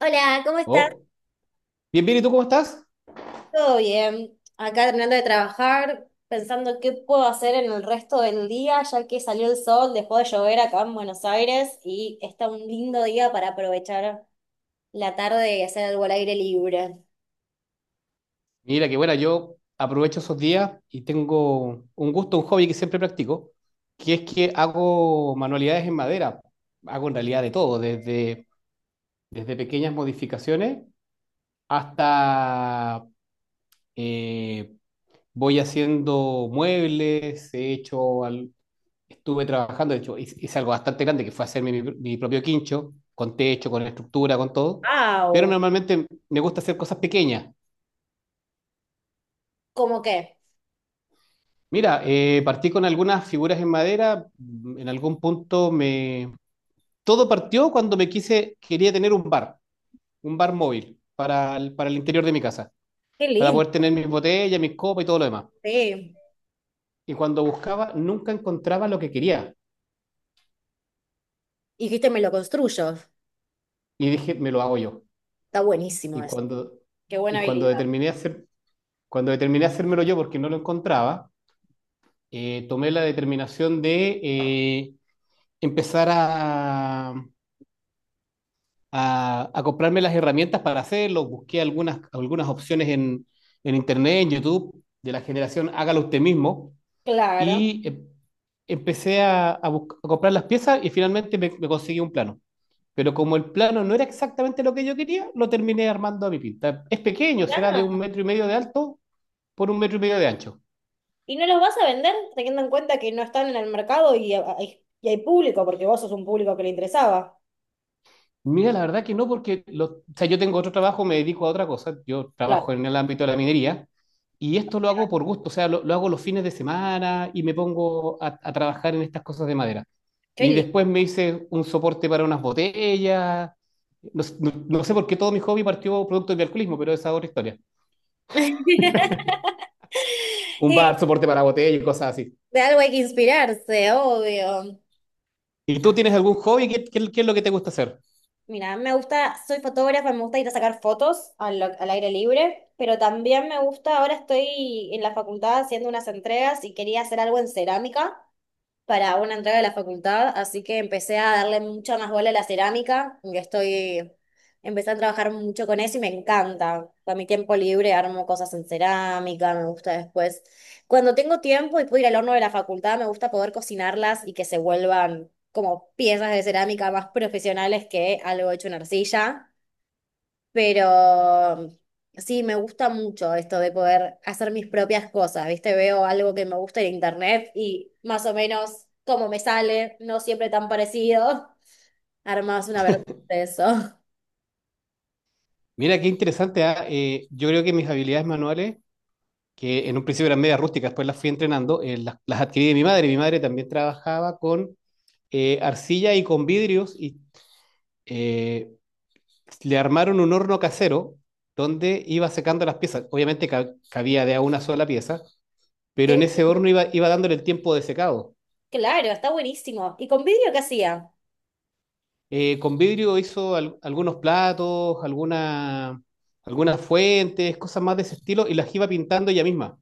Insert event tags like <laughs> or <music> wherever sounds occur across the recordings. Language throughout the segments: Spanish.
Hola, ¿cómo estás? Oh, bien, bien, ¿y tú cómo estás? ¿Todo bien? Acá terminando de trabajar, pensando qué puedo hacer en el resto del día, ya que salió el sol, dejó de llover acá en Buenos Aires y está un lindo día para aprovechar la tarde y hacer algo al aire libre. Mira, que bueno, yo aprovecho esos días y tengo un gusto, un hobby que siempre practico, que es que hago manualidades en madera. Hago en realidad de todo, desde pequeñas modificaciones hasta eh, voy haciendo muebles, he hecho, estuve trabajando. De hecho, hice algo bastante grande que fue hacerme mi propio quincho, con techo, con estructura, con todo, pero ¡Wow! normalmente me gusta hacer cosas pequeñas. ¿Cómo qué? Mira, partí con algunas figuras en madera. En algún punto me... Todo partió cuando me quise, quería tener un bar móvil para el interior de mi casa, ¡Qué para lindo! poder tener mis botellas, mis copas y todo lo demás. Sí. Y cuando buscaba, nunca encontraba lo que quería. Y dijiste, me lo construyo. Y dije, me lo hago yo. Está buenísimo Y eso. cuando, Qué y buena cuando habilidad. determiné hacer, cuando determiné hacérmelo yo porque no lo encontraba, tomé la determinación de empezar a comprarme las herramientas para hacerlo. Busqué algunas opciones en Internet, en YouTube, de la generación Hágalo Usted Mismo. Claro. Y empecé a comprar las piezas y finalmente me conseguí un plano. Pero como el plano no era exactamente lo que yo quería, lo terminé armando a mi pinta. Es pequeño, será de un Mirá, metro y medio de alto por un metro y medio de ancho. ¿y no los vas a vender teniendo en cuenta que no están en el mercado y, y hay público, porque vos sos un público que le interesaba? Mira, la verdad que no, porque o sea, yo tengo otro trabajo, me dedico a otra cosa. Yo Claro. trabajo en el ámbito de la minería y esto lo hago por gusto. O sea, lo hago los fines de semana y me pongo a trabajar en estas cosas de madera. Qué Y lindo. después me hice un soporte para unas botellas. No, no sé por qué todo mi hobby partió producto del alcoholismo, pero esa es otra historia. <laughs> Un Y bar, soporte para botellas y cosas así. de algo hay que inspirarse, obvio. ¿Y tú tienes algún hobby? ¿Qué es lo que te gusta hacer? Mira, me gusta, soy fotógrafa, me gusta ir a sacar fotos al aire libre, pero también me gusta, ahora estoy en la facultad haciendo unas entregas y quería hacer algo en cerámica para una entrega de la facultad, así que empecé a darle mucha más bola a la cerámica, que estoy, empecé a trabajar mucho con eso y me encanta. Para mi tiempo libre armo cosas en cerámica, me gusta después. Cuando tengo tiempo y puedo ir al horno de la facultad, me gusta poder cocinarlas y que se vuelvan como piezas de cerámica más profesionales que algo hecho en arcilla. Pero sí, me gusta mucho esto de poder hacer mis propias cosas, ¿viste? Veo algo que me gusta en internet y más o menos como me sale, no siempre tan parecido, <laughs> armas una versión de eso. <laughs> Mira, qué interesante, ¿ah? Yo creo que mis habilidades manuales, que en un principio eran medias rústicas, después las fui entrenando, las adquirí de mi madre. Mi madre también trabajaba con arcilla y con vidrios y eh, le armaron un horno casero donde iba secando las piezas. Obviamente cabía de a una sola pieza, pero Que, en ese horno iba dándole el tiempo de secado. claro, está buenísimo. ¿Y con vidrio qué hacía? Con vidrio hizo algunos platos, algunas fuentes, cosas más de ese estilo, y las iba pintando ella misma.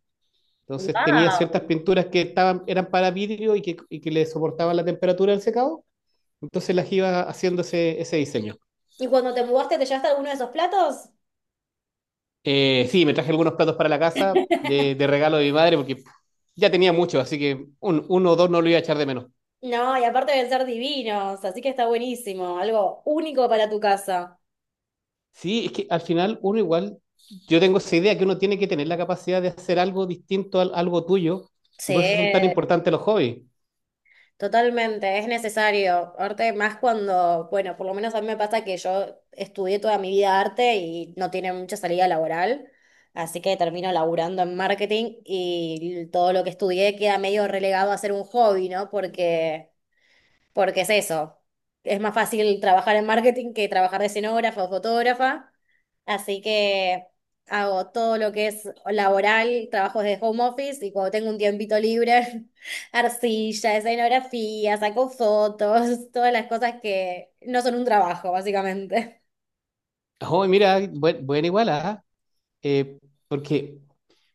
Entonces tenía ciertas Wow. pinturas que estaban, eran para vidrio y que le soportaban la temperatura del secado. Entonces las iba haciendo ese diseño. ¿Y cuando te mudaste te llevaste alguno de esos platos? Sí, me traje algunos platos para la casa de, regalo de mi madre porque ya tenía muchos, así que uno o dos no lo iba a echar de menos. No, y aparte deben ser divinos, así que está buenísimo, algo único para tu casa. Sí, es que al final uno igual, yo tengo esa idea que uno tiene que tener la capacidad de hacer algo distinto a algo tuyo, y Sí, por eso son tan importantes los hobbies. totalmente, es necesario. Arte más cuando, bueno, por lo menos a mí me pasa que yo estudié toda mi vida arte y no tiene mucha salida laboral, así que termino laburando en marketing y todo lo que estudié queda medio relegado a ser un hobby, ¿no? Porque es eso. Es más fácil trabajar en marketing que trabajar de escenógrafa o fotógrafa. Así que hago todo lo que es laboral, trabajos de home office y cuando tengo un tiempito libre, <laughs> arcilla, escenografía, saco fotos, todas las cosas que no son un trabajo, básicamente. Oh, mira, buena igual, ¿ah? eh, Porque,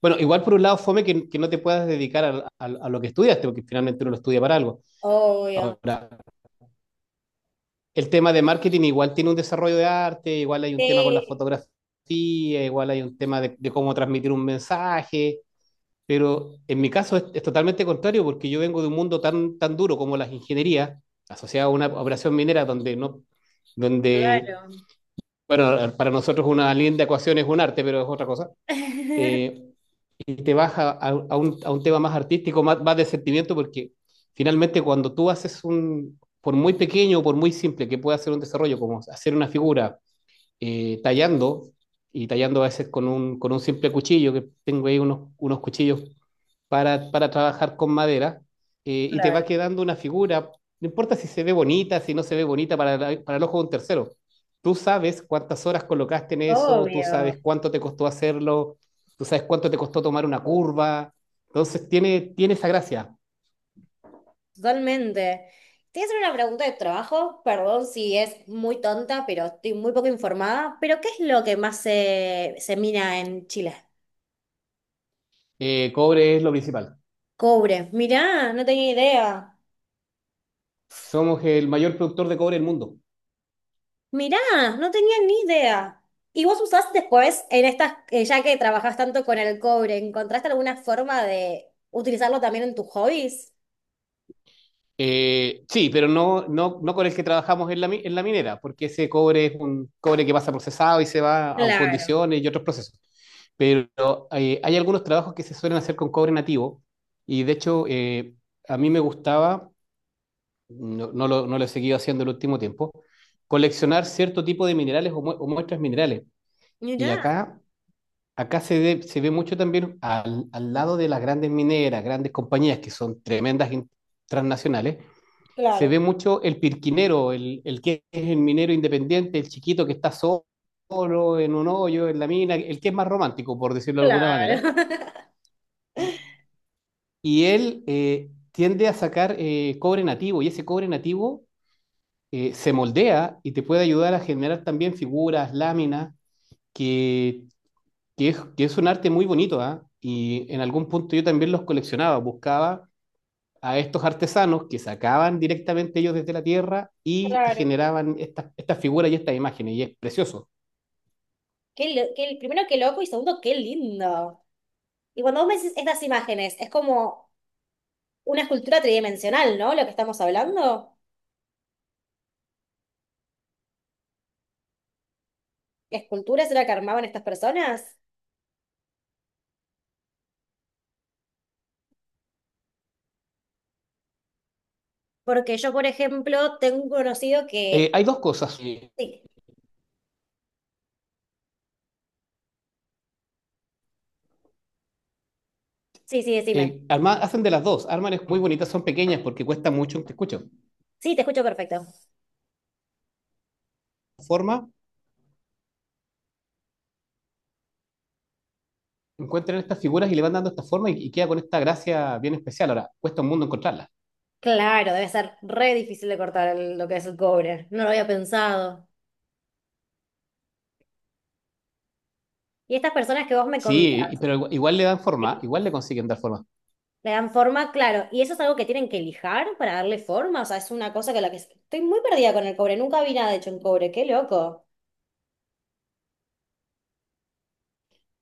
bueno, igual por un lado fome que no te puedas dedicar a lo que estudiaste, porque finalmente uno lo estudia para algo. Obvio. Ahora, el tema de marketing igual tiene un desarrollo de arte, igual hay un tema con la Sí, fotografía, igual hay un tema de cómo transmitir un mensaje, pero en mi caso es totalmente contrario, porque yo vengo de un mundo tan, tan duro como las ingenierías, asociado a una operación minera donde no, donde, claro. bueno, para nosotros una linda ecuación es un arte, pero es otra cosa. <laughs> Eh, y te vas a un tema más artístico, más, más de sentimiento, porque finalmente cuando tú haces por muy pequeño o por muy simple que pueda ser un desarrollo, como hacer una figura tallando, y tallando a veces con un simple cuchillo, que tengo ahí unos cuchillos para trabajar con madera, y te va Claro, quedando una figura, no importa si se ve bonita, si no se ve bonita para el ojo de un tercero. Tú sabes cuántas horas colocaste en eso, tú obvio. sabes cuánto te costó hacerlo, tú sabes cuánto te costó tomar una curva. Entonces tiene esa gracia. Totalmente. Te voy a hacer una pregunta de trabajo, perdón si es muy tonta, pero estoy muy poco informada. ¿Pero qué es lo que más se mina en Chile? Cobre es lo principal. Cobre. Mirá, no tenía idea. Somos el mayor productor de cobre del mundo. Mirá, no tenía ni idea. ¿Y vos usás después, en estas, ya que trabajás tanto con el cobre, encontraste alguna forma de utilizarlo también en tus hobbies? Sí, pero no, no, no con el que trabajamos en la minera, porque ese cobre es un cobre que pasa procesado y se va a Claro, fundiciones y otros procesos. Pero hay algunos trabajos que se suelen hacer con cobre nativo y de hecho a mí me gustaba, no, no lo he seguido haciendo el último tiempo, coleccionar cierto tipo de minerales o muestras minerales. Y mirá. acá se ve mucho también al lado de las grandes mineras, grandes compañías que son tremendas transnacionales, se ve Claro, mucho el pirquinero, que es el minero independiente, el chiquito que está solo en un hoyo, en la mina, el que es más romántico, por decirlo de alguna manera. claro. <laughs> Y y él tiende a sacar cobre nativo, y ese cobre nativo se moldea y te puede ayudar a generar también figuras, láminas, que, que es un arte muy bonito. Y en algún punto yo también los coleccionaba, buscaba a estos artesanos que sacaban directamente ellos desde la tierra y te Claro. generaban estas figuras y estas imágenes, y es precioso. Qué, lo- qué- primero, qué loco y segundo, qué lindo. Y cuando vos me decís estas imágenes, es como una escultura tridimensional, ¿no? Lo que estamos hablando. ¿Esculturas era que armaban estas personas? Porque yo, por ejemplo, tengo un conocido que... Hay dos cosas. Sí, sí, sí, decime. Hacen de las dos. Arman es muy bonitas, son pequeñas porque cuesta mucho. Te escucho. Sí, te escucho perfecto. Forma, encuentran estas figuras y le van dando esta forma, y queda con esta gracia bien especial. Ahora, cuesta un mundo encontrarlas. Claro, debe ser re difícil de cortar el- lo que es el cobre. No lo había pensado. Y estas personas que vos me Sí, contás, pero igual le dan sí, forma, igual le consiguen dar forma. le dan forma, claro. ¿Y eso es algo que tienen que lijar para darle forma? O sea, es una cosa que la que... Estoy muy perdida con el cobre. Nunca vi nada hecho en cobre. Qué loco.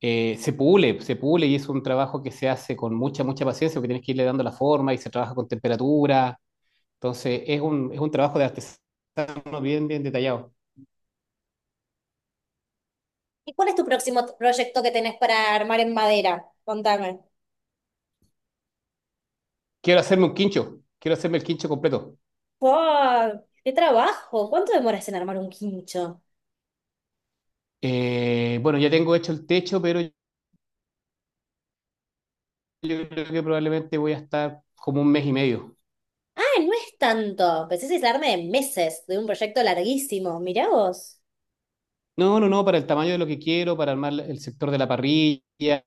Se pule, se pule y es un trabajo que se hace con mucha, mucha paciencia porque tienes que irle dando la forma y se trabaja con temperatura. Entonces, es un trabajo de artesano, bien, bien detallado. ¿Y cuál es tu próximo t- proyecto que tenés para armar en madera? Contame. Quiero hacerme un quincho, quiero hacerme el quincho completo. ¡Wow! ¡Qué trabajo! ¿Cuánto demoras en armar un quincho? Bueno, ya tengo hecho el techo, pero yo creo que probablemente voy a estar como un mes y medio. Ah, no es tanto. Pensé que es darme de meses de un proyecto larguísimo. Mirá vos. No, no, no, para el tamaño de lo que quiero, para armar el sector de la parrilla,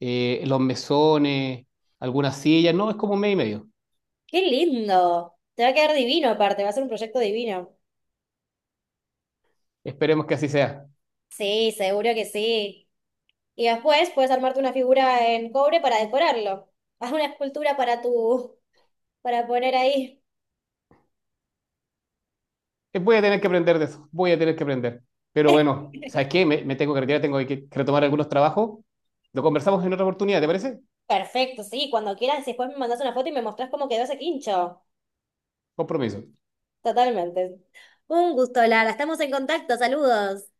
los mesones, algunas sillas, no, es como un mes y medio. ¡Qué lindo! Te va a quedar divino aparte, va a ser un proyecto divino. Esperemos que así sea. Sí, seguro que sí. Y después puedes armarte una figura en cobre para decorarlo. Haz una escultura para tu, para poner ahí. Voy a tener que aprender de eso, voy a tener que aprender. Pero bueno, <laughs> ¿sabes qué? Me tengo que retirar, tengo que retomar algunos trabajos. Lo conversamos en otra oportunidad, ¿te parece? Perfecto, sí, cuando quieras, después me mandas una foto y me mostrás cómo quedó ese quincho. Compromiso. Totalmente. Un gusto, Lara. Estamos en contacto. Saludos.